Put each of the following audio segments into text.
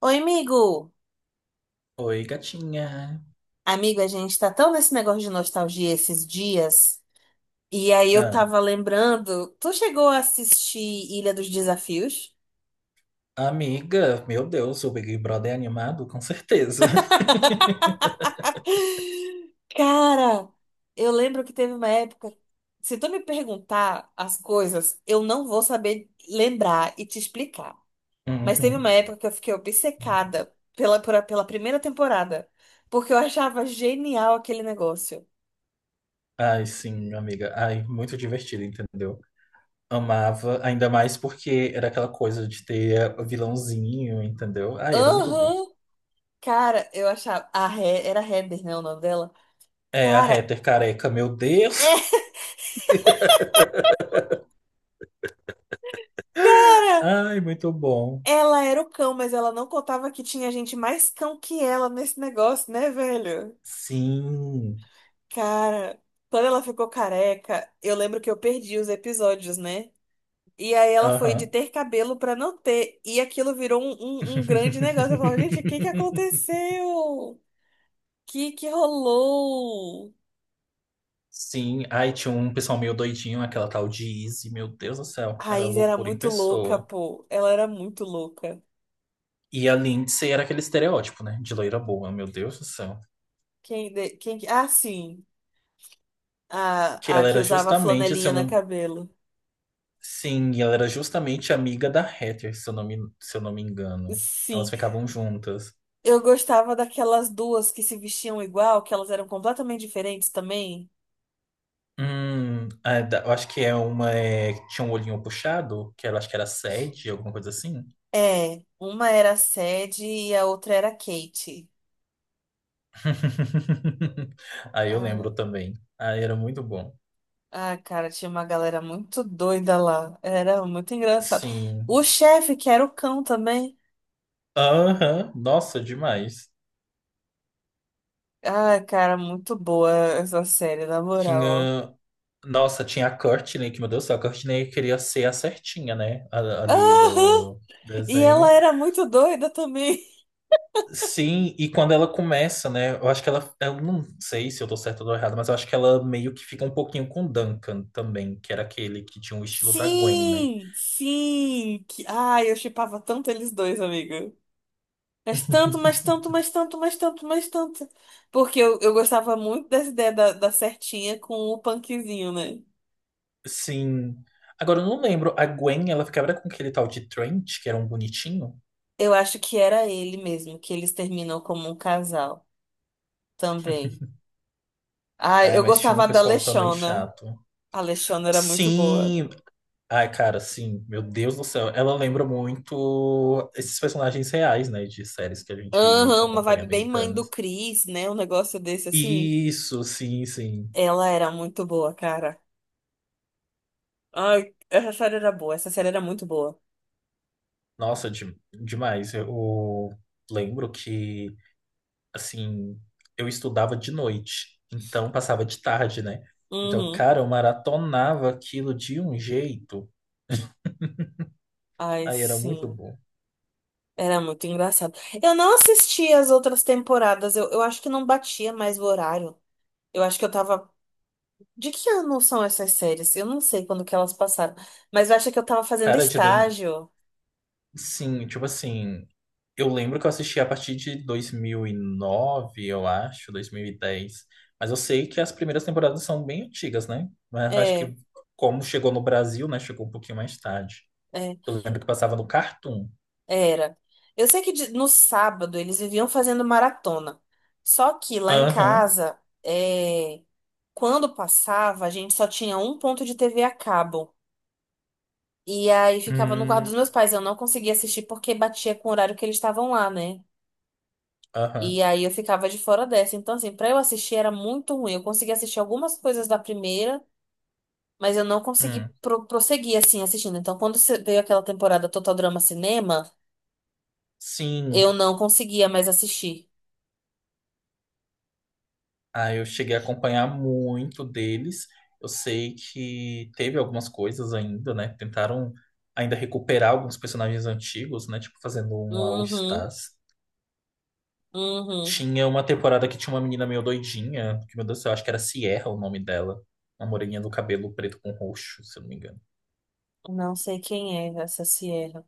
Oi, amigo! Oi, gatinha. Amigo, a gente tá tão nesse negócio de nostalgia esses dias. E aí eu Ah, tava lembrando, tu chegou a assistir Ilha dos Desafios? amiga, meu Deus, o Big Brother é animado, com certeza. Cara, eu lembro que teve uma época, se tu me perguntar as coisas, eu não vou saber lembrar e te explicar. Mas teve uma Uhum. época que eu fiquei obcecada pela primeira temporada, porque eu achava genial aquele negócio. Ai, sim, amiga. Ai, muito divertido, entendeu? Amava, ainda mais porque era aquela coisa de ter o vilãozinho, entendeu? Ai, era muito bom. Aham! Cara, eu achava. Era Heather, né, o nome dela? É, a Cara, Heather careca, meu Deus. é. Ai, muito bom. Ela era o cão, mas ela não contava que tinha gente mais cão que ela nesse negócio, né, velho? Sim. Cara, quando ela ficou careca, eu lembro que eu perdi os episódios, né? E aí ela foi de Aham. ter cabelo pra não ter, e aquilo virou um grande negócio. Eu falava, gente, o que que aconteceu? O que que rolou? Sim, aí tinha um pessoal meio doidinho, aquela tal de Izzy, meu Deus do A céu, era Raiz era loucura em muito louca, pessoa. pô. Ela era muito louca. E a Lindsay era aquele estereótipo, né, de loira boa, meu Deus do céu. Quem, quem, ah, sim. Que A ela que era usava justamente, se flanelinha eu na não... cabelo. Sim, ela era justamente amiga da Heather, se eu não me engano. Elas Sim. ficavam juntas. Eu gostava daquelas duas que se vestiam igual, que elas eram completamente diferentes também. Eu acho que é que tinha um olhinho puxado, que ela acho que era sede, alguma coisa assim. É, uma era a Sadie e a outra era a Kate. Aí eu lembro Ah, também. Aí era muito bom. ah, cara, tinha uma galera muito doida lá. Era muito engraçado. Sim. O chefe, que era o cão também. Aham, nossa, demais. Ah, cara, muito boa essa série, na moral, ó. Tinha. Nossa, tinha a Courtney, que meu Deus do céu, a Courtney queria ser a certinha, né? Ali Aham! do E ela desenho. era muito doida também. Sim, e quando ela começa, né? Eu acho que ela. Eu não sei se eu tô certo ou errado, mas eu acho que ela meio que fica um pouquinho com o Duncan também, que era aquele que tinha o estilo da Gwen, né? Sim, sim. Que... Ai, eu chipava tanto eles dois, amiga. Mas tanto, mas tanto, mas tanto, mas tanto, mas tanto. Porque eu gostava muito dessa ideia da, da certinha com o punkzinho, né? Sim. Agora eu não lembro, a Gwen, ela ficava com aquele tal de Trent, que era um bonitinho. Eu acho que era ele mesmo, que eles terminam como um casal também. Ah, Ai, eu mas tinha um gostava da pessoal também Alexona. chato. A Alexona era muito boa. Sim. Ai, cara, sim, meu Deus do céu. Ela lembra muito esses personagens reais, né, de séries que a gente Aham, uma acompanha vibe bem mãe do americanas. Chris, né? Um negócio desse assim. Isso, sim, sim. Ela era muito boa, cara. Ai, essa série era boa, essa série era muito boa. Nossa, demais. Eu lembro que, assim, eu estudava de noite, então passava de tarde, né? Então, Uhum. cara, eu maratonava aquilo de um jeito. Ai, Aí era muito sim. bom. Era muito engraçado. Eu não assisti as outras temporadas. Eu acho que não batia mais o horário. Eu acho que eu tava. De que ano são essas séries? Eu não sei quando que elas passaram. Mas eu acho que eu tava fazendo Cara, estágio. sim, tipo assim, eu lembro que eu assisti a partir de 2009 eu acho, 2010. Mas eu sei que as primeiras temporadas são bem antigas, né? Mas eu acho É, que como chegou no Brasil, né? Chegou um pouquinho mais tarde. é, Eu lembro que passava no Cartoon. era. Eu sei que no sábado eles viviam fazendo maratona. Só que lá em Aham. casa, é, quando passava, a gente só tinha um ponto de TV a cabo. E aí ficava no quarto Hum, dos meus pais. Eu não conseguia assistir porque batia com o horário que eles estavam lá, né? aham. E aí eu ficava de fora dessa. Então, assim, pra eu assistir era muito ruim. Eu consegui assistir algumas coisas da primeira, mas eu não consegui Hum. Prosseguir, assim, assistindo. Então, quando veio aquela temporada Total Drama Cinema, eu Sim. não conseguia mais assistir. Aí eu cheguei a acompanhar muito deles. Eu sei que teve algumas coisas ainda, né? Tentaram ainda recuperar alguns personagens antigos, né? Tipo, fazendo um All Uhum, Stars. uhum. Tinha uma temporada que tinha uma menina meio doidinha, que, meu Deus do céu, acho que era Sierra o nome dela. Uma moreninha do cabelo preto com roxo, se eu não me engano. Não sei quem é essa Sierra.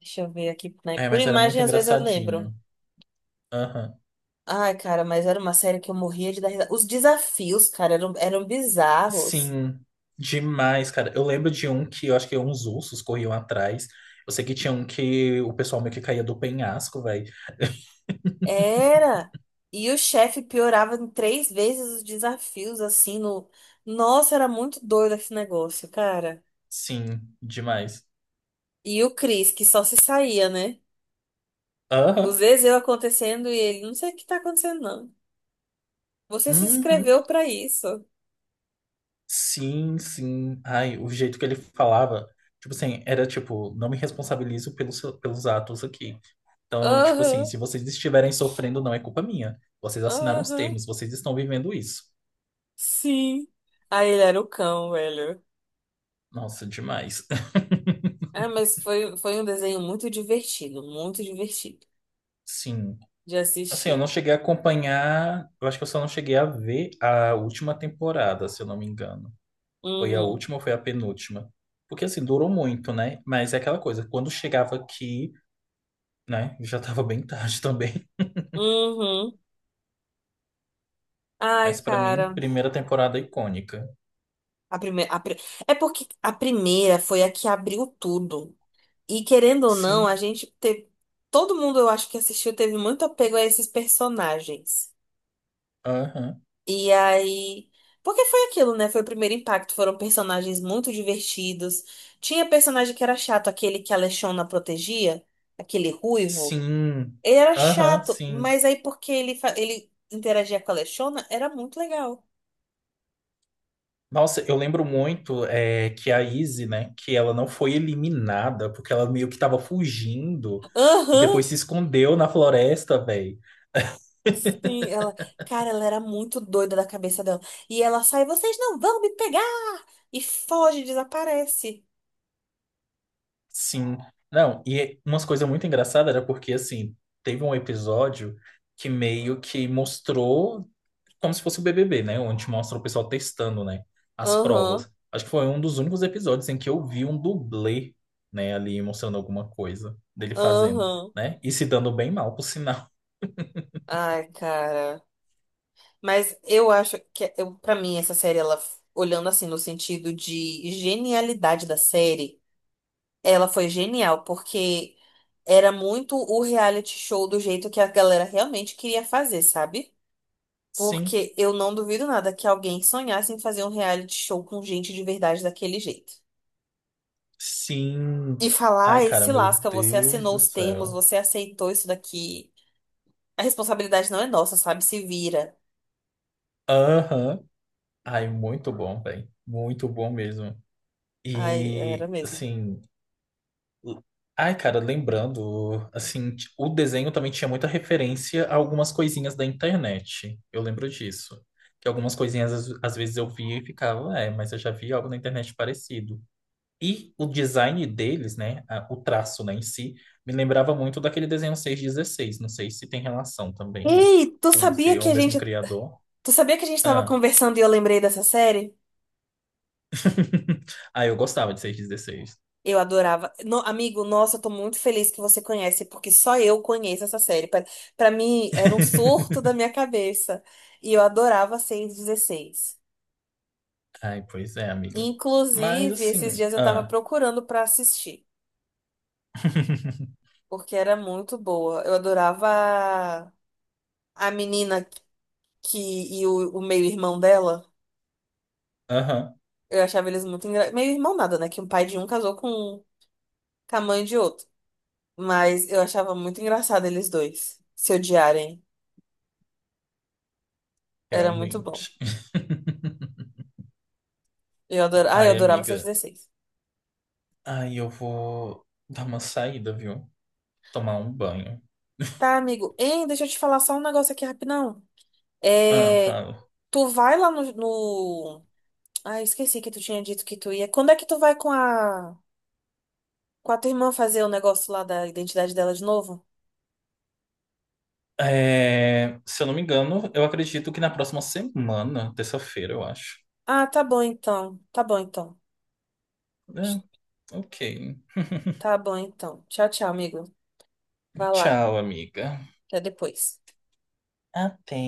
Deixa eu ver aqui, né? É, Por mas era muito imagem, às vezes eu lembro. engraçadinho. Aham. Ai, cara, mas era uma série que eu morria de dar risada. Os desafios, cara, eram bizarros. Sim, demais, cara. Eu lembro de um que eu acho que uns ursos corriam atrás. Eu sei que tinha um que o pessoal meio que caía do penhasco, velho. Era. E o chefe piorava em três vezes os desafios, assim, no... Nossa, era muito doido esse negócio, cara. Sim, demais. E o Chris, que só se saía, né? Os Aham. Ezeu acontecendo e ele, não sei o que tá acontecendo, não. Você se Uhum. inscreveu pra isso. Sim, sim. Ai, o jeito que ele falava, tipo assim, era tipo, não me responsabilizo pelos atos aqui. Então, eu, tipo assim, Aham, se vocês estiverem sofrendo, não é culpa minha. Vocês assinaram os aham, termos, vocês estão vivendo isso. sim. Aí ele era o cão, velho. Nossa, demais. Ah, mas foi, foi um desenho muito divertido Sim. de Assim, eu não assistir. cheguei a acompanhar, eu acho que eu só não cheguei a ver a última temporada, se eu não me engano. Foi a Uhum, última ou foi a penúltima? Porque assim, durou muito, né? Mas é aquela coisa, quando chegava aqui, né, já tava bem tarde também. uhum. Ai, Mas pra mim, cara. primeira temporada icônica. A primeira, é porque a primeira foi a que abriu tudo. E querendo ou não, a Sim. gente teve. Todo mundo, eu acho que assistiu, teve muito apego a esses personagens. Aham. E aí. Porque foi aquilo, né? Foi o primeiro impacto. Foram personagens muito divertidos. Tinha personagem que era chato, aquele que a Lechona protegia, aquele ruivo. Sim. Ele era Aham, chato, sim. mas aí porque ele, ele interagia com a Lechona, era muito legal. Nossa, eu lembro muito é, que a Izzy, né, que ela não foi eliminada, porque ela meio que tava fugindo e depois Aham! se escondeu na floresta, velho. Sim, ela, cara, ela era muito doida da cabeça dela. E ela sai, vocês não vão me pegar! E foge, desaparece. Sim. Não, e umas coisas muito engraçadas era porque, assim, teve um episódio que meio que mostrou como se fosse o BBB, né, onde mostra o pessoal testando, né, as Aham, provas. Acho que foi um dos únicos episódios em que eu vi um dublê, né, ali mostrando alguma coisa dele fazendo, aham. né, e se dando bem mal, por sinal. Ai, cara. Mas eu acho que, eu, pra mim, essa série, ela, olhando assim, no sentido de genialidade da série, ela foi genial, porque era muito o reality show do jeito que a galera realmente queria fazer, sabe? Sim. Porque eu não duvido nada que alguém sonhasse em fazer um reality show com gente de verdade daquele jeito. Sim. E falar, Ai, ai, cara, se meu lasca, você Deus assinou do os termos, céu. você aceitou isso daqui. A responsabilidade não é nossa, sabe? Se vira. Aham. Ai, muito bom, velho. Muito bom mesmo. Ai, era E, mesmo. assim. l- Ai, cara, lembrando, assim, o desenho também tinha muita referência a algumas coisinhas da internet. Eu lembro disso. Que algumas coisinhas às vezes eu via e ficava, é, mas eu já vi algo na internet parecido. E o design deles, né, o traço, né, em si, me lembrava muito daquele desenho 616. Não sei se tem relação também, né? Ei, Com, se é o mesmo criador. tu sabia que a gente tava Ah, conversando e eu lembrei dessa série? ah eu gostava de 616. Eu adorava. Amigo, nossa, eu tô muito feliz que você conhece, porque só eu conheço essa série. Pra mim, era um surto da minha cabeça. E eu adorava 616. Ai, pois é, amiga. Mas Inclusive, esses assim, dias eu tava ah. procurando pra assistir, porque era muito boa. Eu adorava a menina que e o meio-irmão dela. Aham, Eu achava eles muito engraçados. Meio-irmão nada, né? Que um pai de um casou com a mãe de outro. Mas eu achava muito engraçado eles dois se odiarem. Era muito bom. realmente. Eu adorava, ah, eu Ai, adorava amiga. 616. Ai, eu vou dar uma saída, viu? Tomar um banho. Tá, amigo. Hein, deixa eu te falar só um negócio aqui rapidão. Ah, É, fala. tu vai lá no... ah, esqueci que tu tinha dito que tu ia. Quando é que tu vai com a com a tua irmã fazer o negócio lá da identidade dela de novo? É, se eu não me engano, eu acredito que na próxima semana, terça-feira, eu acho. Ah, tá bom então. Tá bom então. É, ok. Tá bom então. Tchau, tchau, amigo. Vai lá. Tchau, amiga. Até depois. Até.